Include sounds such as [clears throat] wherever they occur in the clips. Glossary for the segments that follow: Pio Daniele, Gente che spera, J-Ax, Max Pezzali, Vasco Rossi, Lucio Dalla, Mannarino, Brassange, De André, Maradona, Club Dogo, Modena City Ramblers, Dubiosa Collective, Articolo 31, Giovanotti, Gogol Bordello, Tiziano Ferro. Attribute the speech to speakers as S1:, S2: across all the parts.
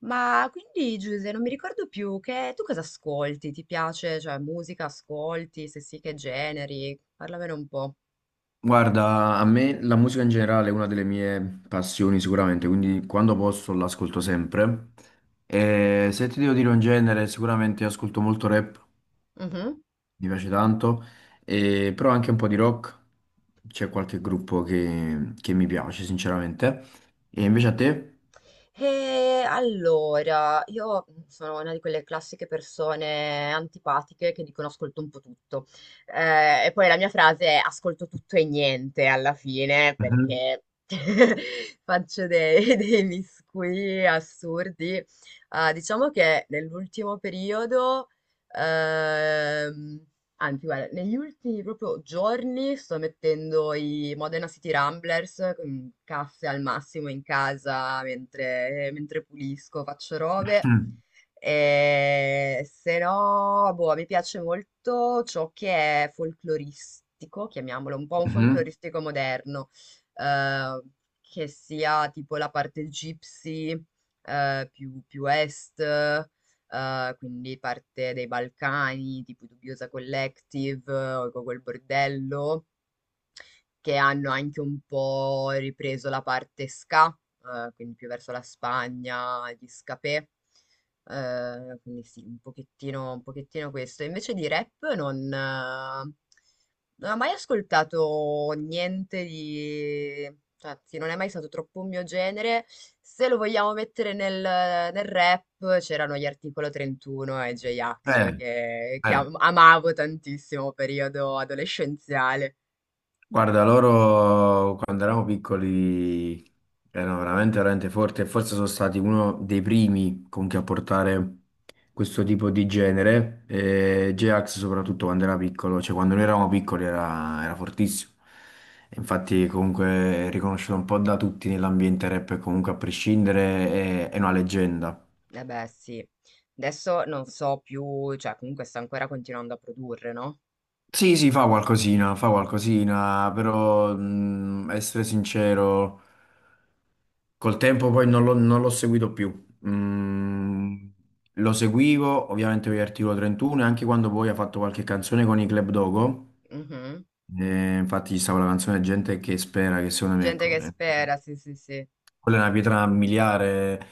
S1: Ma quindi Giuse, non mi ricordo più che tu cosa ascolti? Ti piace, cioè musica ascolti? Se sì, che generi? Parlamene un po'.
S2: Guarda, a me la musica in generale è una delle mie passioni sicuramente, quindi quando posso l'ascolto sempre. E se ti devo dire un genere, sicuramente ascolto molto rap,
S1: Mhm.
S2: mi piace tanto, però anche un po' di rock, c'è qualche gruppo che mi piace sinceramente. E invece a te?
S1: E allora, io sono una di quelle classiche persone antipatiche che dicono ascolto un po' tutto. E poi la mia frase è ascolto tutto e niente alla fine,
S2: Mhm.
S1: perché [laughs] faccio dei miscugli assurdi. Ah, diciamo che nell'ultimo periodo, ehm, anzi, guarda, negli ultimi proprio giorni sto mettendo i Modena City Ramblers, mm, casse al massimo in casa mentre pulisco, faccio robe. E se no, boh, mi piace molto ciò che è folcloristico, chiamiamolo un po' un
S2: Mhm.
S1: folcloristico moderno, eh, che sia tipo la parte gypsy, più, più est quindi parte dai Balcani, tipo i Dubiosa Collective o i Gogol Bordello, che hanno anche un po' ripreso la parte ska, quindi più verso la Spagna, gli scapè. Quindi sì, un pochettino questo. Invece di rap non non ho mai ascoltato niente di cioè, sì, non è mai stato troppo un mio genere. Se lo vogliamo mettere nel rap, c'erano gli Articolo 31 e
S2: [clears throat]
S1: J-Ax
S2: Eh,
S1: che, che
S2: eh.
S1: am- amavo tantissimo periodo adolescenziale.
S2: Guarda, loro quando eravamo piccoli erano veramente, veramente forti e forse sono stati uno dei primi comunque a portare questo tipo di genere. E J-Ax soprattutto quando era piccolo, cioè quando noi eravamo piccoli era fortissimo. E infatti comunque è riconosciuto un po' da tutti nell'ambiente rap e comunque a prescindere è una leggenda.
S1: Eh beh, sì. Adesso non so più, cioè comunque sta ancora continuando a produrre, no?
S2: Sì, sì, fa qualcosina, però essere sincero. Col tempo poi non l'ho seguito più. Mm, lo seguivo ovviamente per l'Articolo 31 e anche quando poi ha fatto qualche canzone con i Club Dogo.
S1: Mhm.
S2: Infatti, ci stava la canzone Gente che spera, che secondo me,
S1: Gente
S2: ecco,
S1: che spera, sì, sì, sì.
S2: quella è una pietra miliare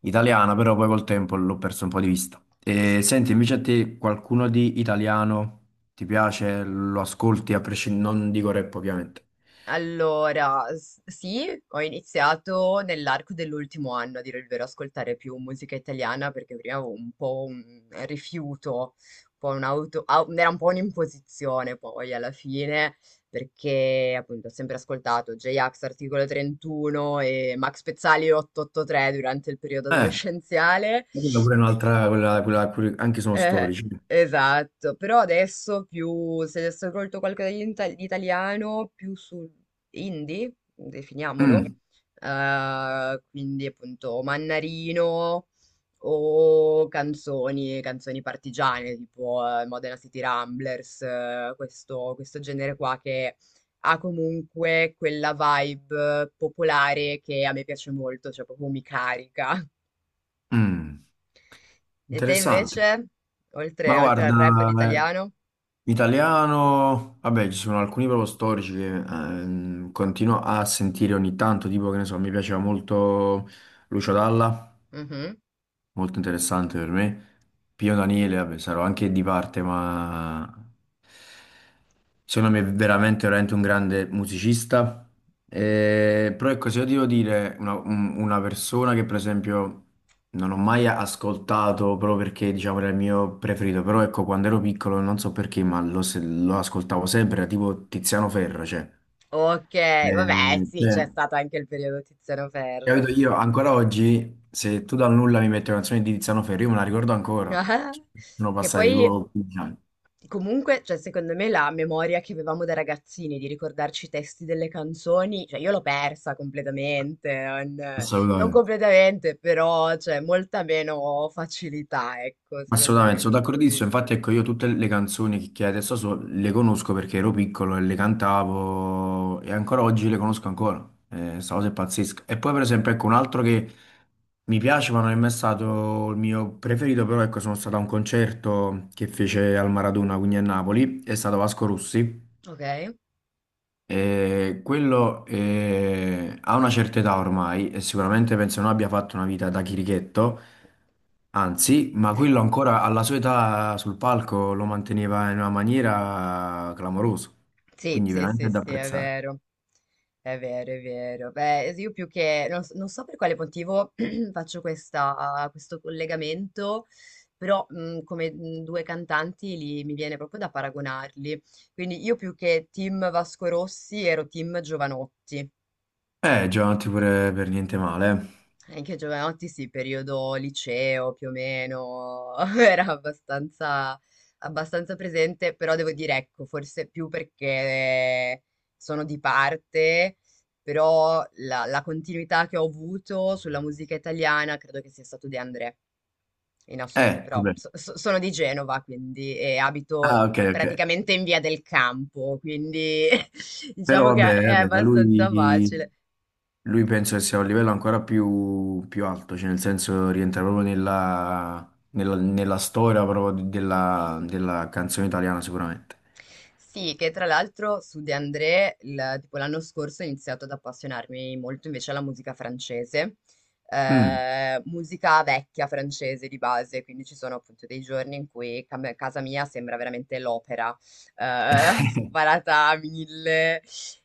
S2: italiana, però poi col tempo l'ho perso un po' di vista. E, senti, invece a te qualcuno di italiano ti piace? Lo ascolti a prescindere? Non dico rap, ovviamente.
S1: Allora, sì, ho iniziato nell'arco dell'ultimo anno, a dire il vero, a ascoltare più musica italiana perché prima avevo un po' un rifiuto, un po' un'auto, au- era un po' un'imposizione poi alla fine, perché appunto ho sempre ascoltato J-Ax, Articolo 31 e Max Pezzali 883 durante il periodo
S2: Eh,
S1: adolescenziale
S2: Quella pure è un'altra, anche sono
S1: eh,
S2: storici.
S1: esatto, però adesso più, se adesso hai colto qualcosa di di italiano, più su indie, definiamolo,
S2: Mm.
S1: quindi appunto Mannarino o canzoni, canzoni partigiane, tipo Modena City Ramblers, questo genere qua che ha comunque quella vibe popolare che a me piace molto, cioè proprio mi carica.
S2: Mm.
S1: E te
S2: Interessante.
S1: invece, oltre
S2: Ma
S1: oltre al rap ed
S2: guarda,
S1: italiano?
S2: italiano, vabbè, ci sono alcuni proprio storici che continuo a sentire ogni tanto, tipo che ne so, mi piaceva molto Lucio Dalla.
S1: Mhm.
S2: Molto interessante per me. Pio Daniele, vabbè, sarò anche di parte, ma secondo me è veramente, veramente un grande musicista. Però ecco, se io devo dire una persona che per esempio non ho mai ascoltato proprio perché diciamo era il mio preferito, però ecco, quando ero piccolo non so perché, ma lo, se- lo ascoltavo sempre, era tipo Tiziano Ferro, cioè.
S1: Ok,
S2: Eh,
S1: vabbè, sì,
S2: cioè,
S1: c'è stato anche il periodo Tiziano Ferro.
S2: Capito? Io ancora oggi, se tu dal nulla mi metti una canzone di Tiziano Ferro, io me la ricordo ancora.
S1: [laughs]
S2: Sono
S1: Che
S2: passati
S1: poi,
S2: tipo 15 anni.
S1: comunque, cioè, secondo me la memoria che avevamo da ragazzini di ricordarci i testi delle canzoni, cioè, io l'ho persa completamente, non, non
S2: Assolutamente.
S1: completamente, però, cioè, molta meno facilità, ecco, secondo me,
S2: Assolutamente, sono
S1: con cui...
S2: d'accordissimo. Infatti, ecco, io tutte le canzoni che adesso so, le conosco perché ero piccolo e le cantavo e ancora oggi le conosco ancora. Sta cosa è pazzesca. E poi, per esempio, ecco, un altro che mi piace, ma non è mai stato il mio preferito, però ecco, sono stato a un concerto che fece al Maradona, quindi a Napoli, è stato Vasco Rossi.
S1: Ok?
S2: Quello ha una certa età ormai e sicuramente penso non abbia fatto una vita da chirichetto, anzi, ma quello
S1: [laughs]
S2: ancora alla sua età sul palco lo manteneva in una maniera clamorosa,
S1: Sì,
S2: quindi
S1: sì, sì,
S2: veramente da
S1: sì, è
S2: apprezzare.
S1: vero. È vero, è vero. Beh, io più che non, non so per quale motivo [clears throat] faccio questo collegamento, però come due cantanti mi viene proprio da paragonarli. Quindi io più che team Vasco Rossi ero team Giovanotti.
S2: Giovanotti pure per niente male.
S1: Anche a Giovanotti, sì, periodo liceo più o meno, [laughs] era abbastanza, abbastanza presente, però devo dire, ecco, forse più perché sono di parte, però la continuità che ho avuto sulla musica italiana credo che sia stato De André, in assoluto,
S2: Eh,
S1: però
S2: vabbè.
S1: sono di Genova, quindi, e abito
S2: Ah, ok, ok.
S1: praticamente in via del campo, quindi [laughs]
S2: Però
S1: diciamo che
S2: vabbè,
S1: è
S2: vabbè, ma
S1: abbastanza
S2: lui.
S1: facile.
S2: Lui penso che sia a un livello ancora più, più alto, cioè nel senso rientra proprio nella storia proprio della canzone italiana sicuramente.
S1: Sì, che tra l'altro su De André, tipo l'anno scorso ho iniziato ad appassionarmi molto invece alla musica francese,
S2: Mm.
S1: musica vecchia francese di base, quindi ci sono appunto dei giorni in cui casa mia sembra veramente l'opera, eh, [laughs]
S2: [laughs]
S1: sparata a mille.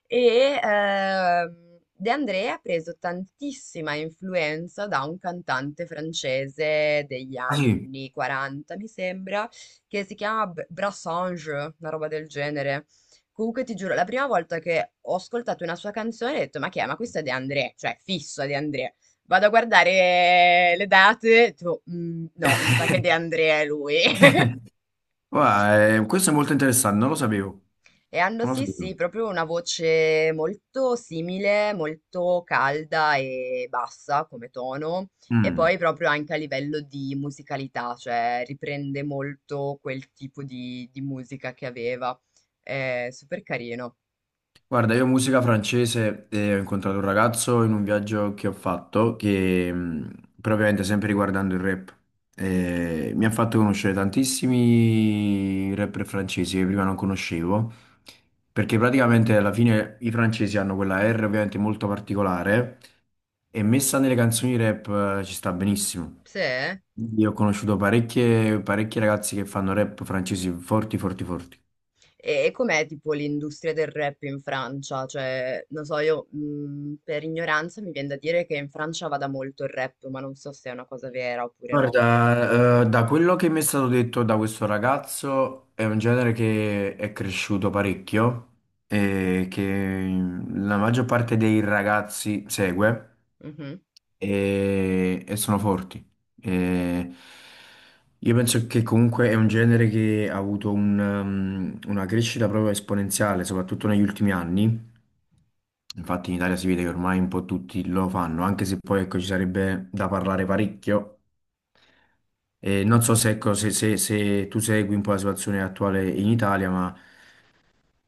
S1: E De André ha preso tantissima influenza da un cantante francese degli
S2: Ah sì.
S1: anni 40, mi sembra che si chiama Brassange, una roba del genere. Comunque ti giuro, la prima volta che ho ascoltato una sua canzone ho detto, ma che è? Ma questa è De André, cioè fissa De André. Vado a guardare le date, tipo, "Mm, no, mi sa che De
S2: [laughs]
S1: André è lui." [laughs]
S2: Guarda, questo è molto interessante, non lo sapevo,
S1: E hanno
S2: non lo
S1: sì, sì,
S2: sapevo.
S1: proprio una voce molto simile, molto calda e bassa come tono, e
S2: Mm.
S1: poi proprio anche a livello di musicalità, cioè riprende molto quel tipo di musica che aveva. È super carino.
S2: Guarda, io musica francese e ho incontrato un ragazzo in un viaggio che ho fatto, che propriamente sempre riguardando il rap. E mi ha fatto conoscere tantissimi rapper francesi che prima non conoscevo, perché praticamente alla fine i francesi hanno quella R ovviamente molto particolare e messa nelle canzoni rap ci sta benissimo.
S1: Sì. Eh?
S2: Io ho conosciuto parecchi ragazzi che fanno rap francesi forti, forti, forti.
S1: E com'è tipo l'industria del rap in Francia? Cioè, non so, io per ignoranza mi viene da dire che in Francia vada molto il rap, ma non so se è una cosa vera oppure no.
S2: Guarda, da quello che mi è stato detto da questo ragazzo è un genere che è cresciuto parecchio e che la maggior parte dei ragazzi segue
S1: Mhm.
S2: e sono forti. E io penso che comunque è un genere che ha avuto una crescita proprio esponenziale, soprattutto negli ultimi anni. Infatti in Italia si vede che ormai un po' tutti lo fanno, anche se poi ecco, ci sarebbe da parlare parecchio non so se, ecco, se tu segui un po' la situazione attuale in Italia, ma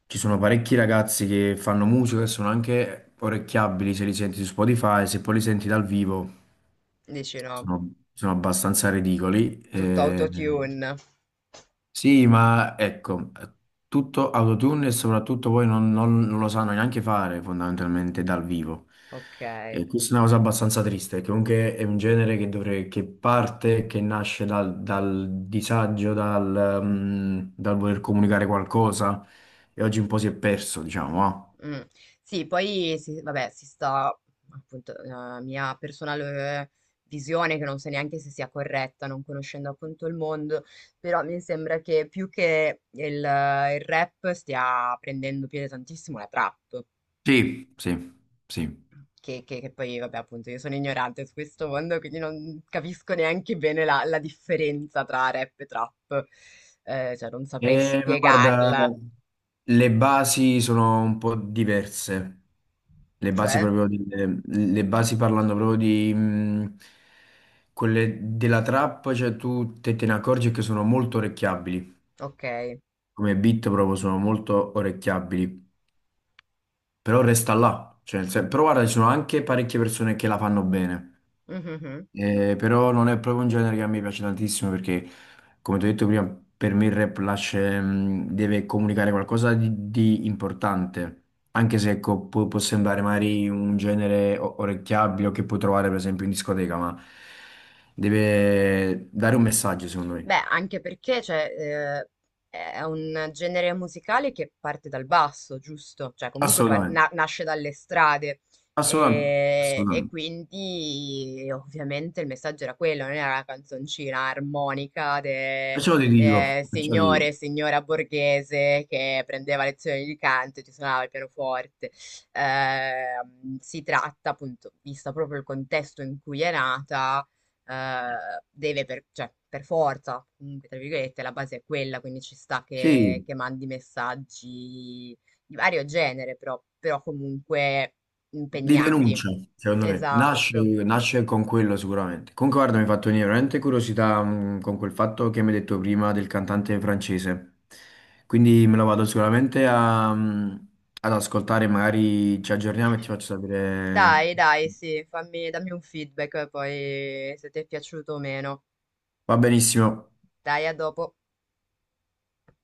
S2: ci sono parecchi ragazzi che fanno musica e sono anche orecchiabili se li senti su Spotify, se poi li senti dal vivo
S1: Dici no?
S2: sono abbastanza ridicoli.
S1: Tutto
S2: Eh,
S1: autotune.
S2: sì, ma ecco, tutto autotune e soprattutto poi non lo sanno neanche fare fondamentalmente dal vivo.
S1: Ok.
S2: E questa è una cosa abbastanza triste, che comunque è un genere che, dovre- che parte, che nasce dal disagio, dal voler comunicare qualcosa e oggi un po' si è perso, diciamo. Ah.
S1: Mm. Sì, poi si, vabbè, si sta appunto la mia personale visione che non so neanche se sia corretta, non conoscendo appunto il mondo, però mi sembra che più che il rap stia prendendo piede tantissimo la trap,
S2: Sì, sì, sì.
S1: che poi vabbè appunto io sono ignorante su questo mondo, quindi non capisco neanche bene la differenza tra rap e trap, eh, cioè non saprei
S2: Ma guarda,
S1: spiegarla,
S2: le basi sono un po' diverse. Le basi
S1: cioè,
S2: proprio delle- le basi parlando proprio di quelle della trap, cioè tu te ne accorgi che sono molto orecchiabili,
S1: ok.
S2: come beat proprio sono molto orecchiabili, però resta là, cioè, però guarda, ci sono anche parecchie persone che la fanno bene.
S1: Mhm.
S2: Però non è proprio un genere che a me piace tantissimo perché, come ti ho detto prima, per me il rap lascia, deve comunicare qualcosa di importante, anche se ecco, può sembrare magari un genere orecchiabile o che puoi trovare per esempio in discoteca, ma deve dare un messaggio secondo me.
S1: Beh, anche perché cioè, è un genere musicale che parte dal basso, giusto? Cioè, comunque
S2: Assolutamente,
S1: nasce dalle strade
S2: assolutamente,
S1: e
S2: assolutamente.
S1: quindi ovviamente il messaggio era quello, non era una canzoncina armonica de,
S2: Perciò ti dico, perciò ti
S1: signore
S2: dico.
S1: e signora borghese che prendeva lezioni di canto e ti suonava il pianoforte. Si tratta, appunto, visto proprio il contesto in cui è nata deve per, cioè, per forza, comunque, tra virgolette, la base è quella, quindi ci sta
S2: Sì.
S1: che mandi messaggi di vario genere, però, però comunque
S2: Di
S1: impegnati.
S2: denuncia, secondo me, nasce,
S1: Esatto.
S2: nasce con quello sicuramente. Comunque, guarda, mi ha fatto venire veramente curiosità, con quel fatto che mi hai detto prima del cantante francese. Quindi me lo vado sicuramente ad ascoltare, magari ci aggiorniamo e ti faccio sapere.
S1: Dai, dai, sì, fammi, dammi un feedback poi se ti è piaciuto o meno.
S2: Va benissimo.
S1: Dai, a dopo.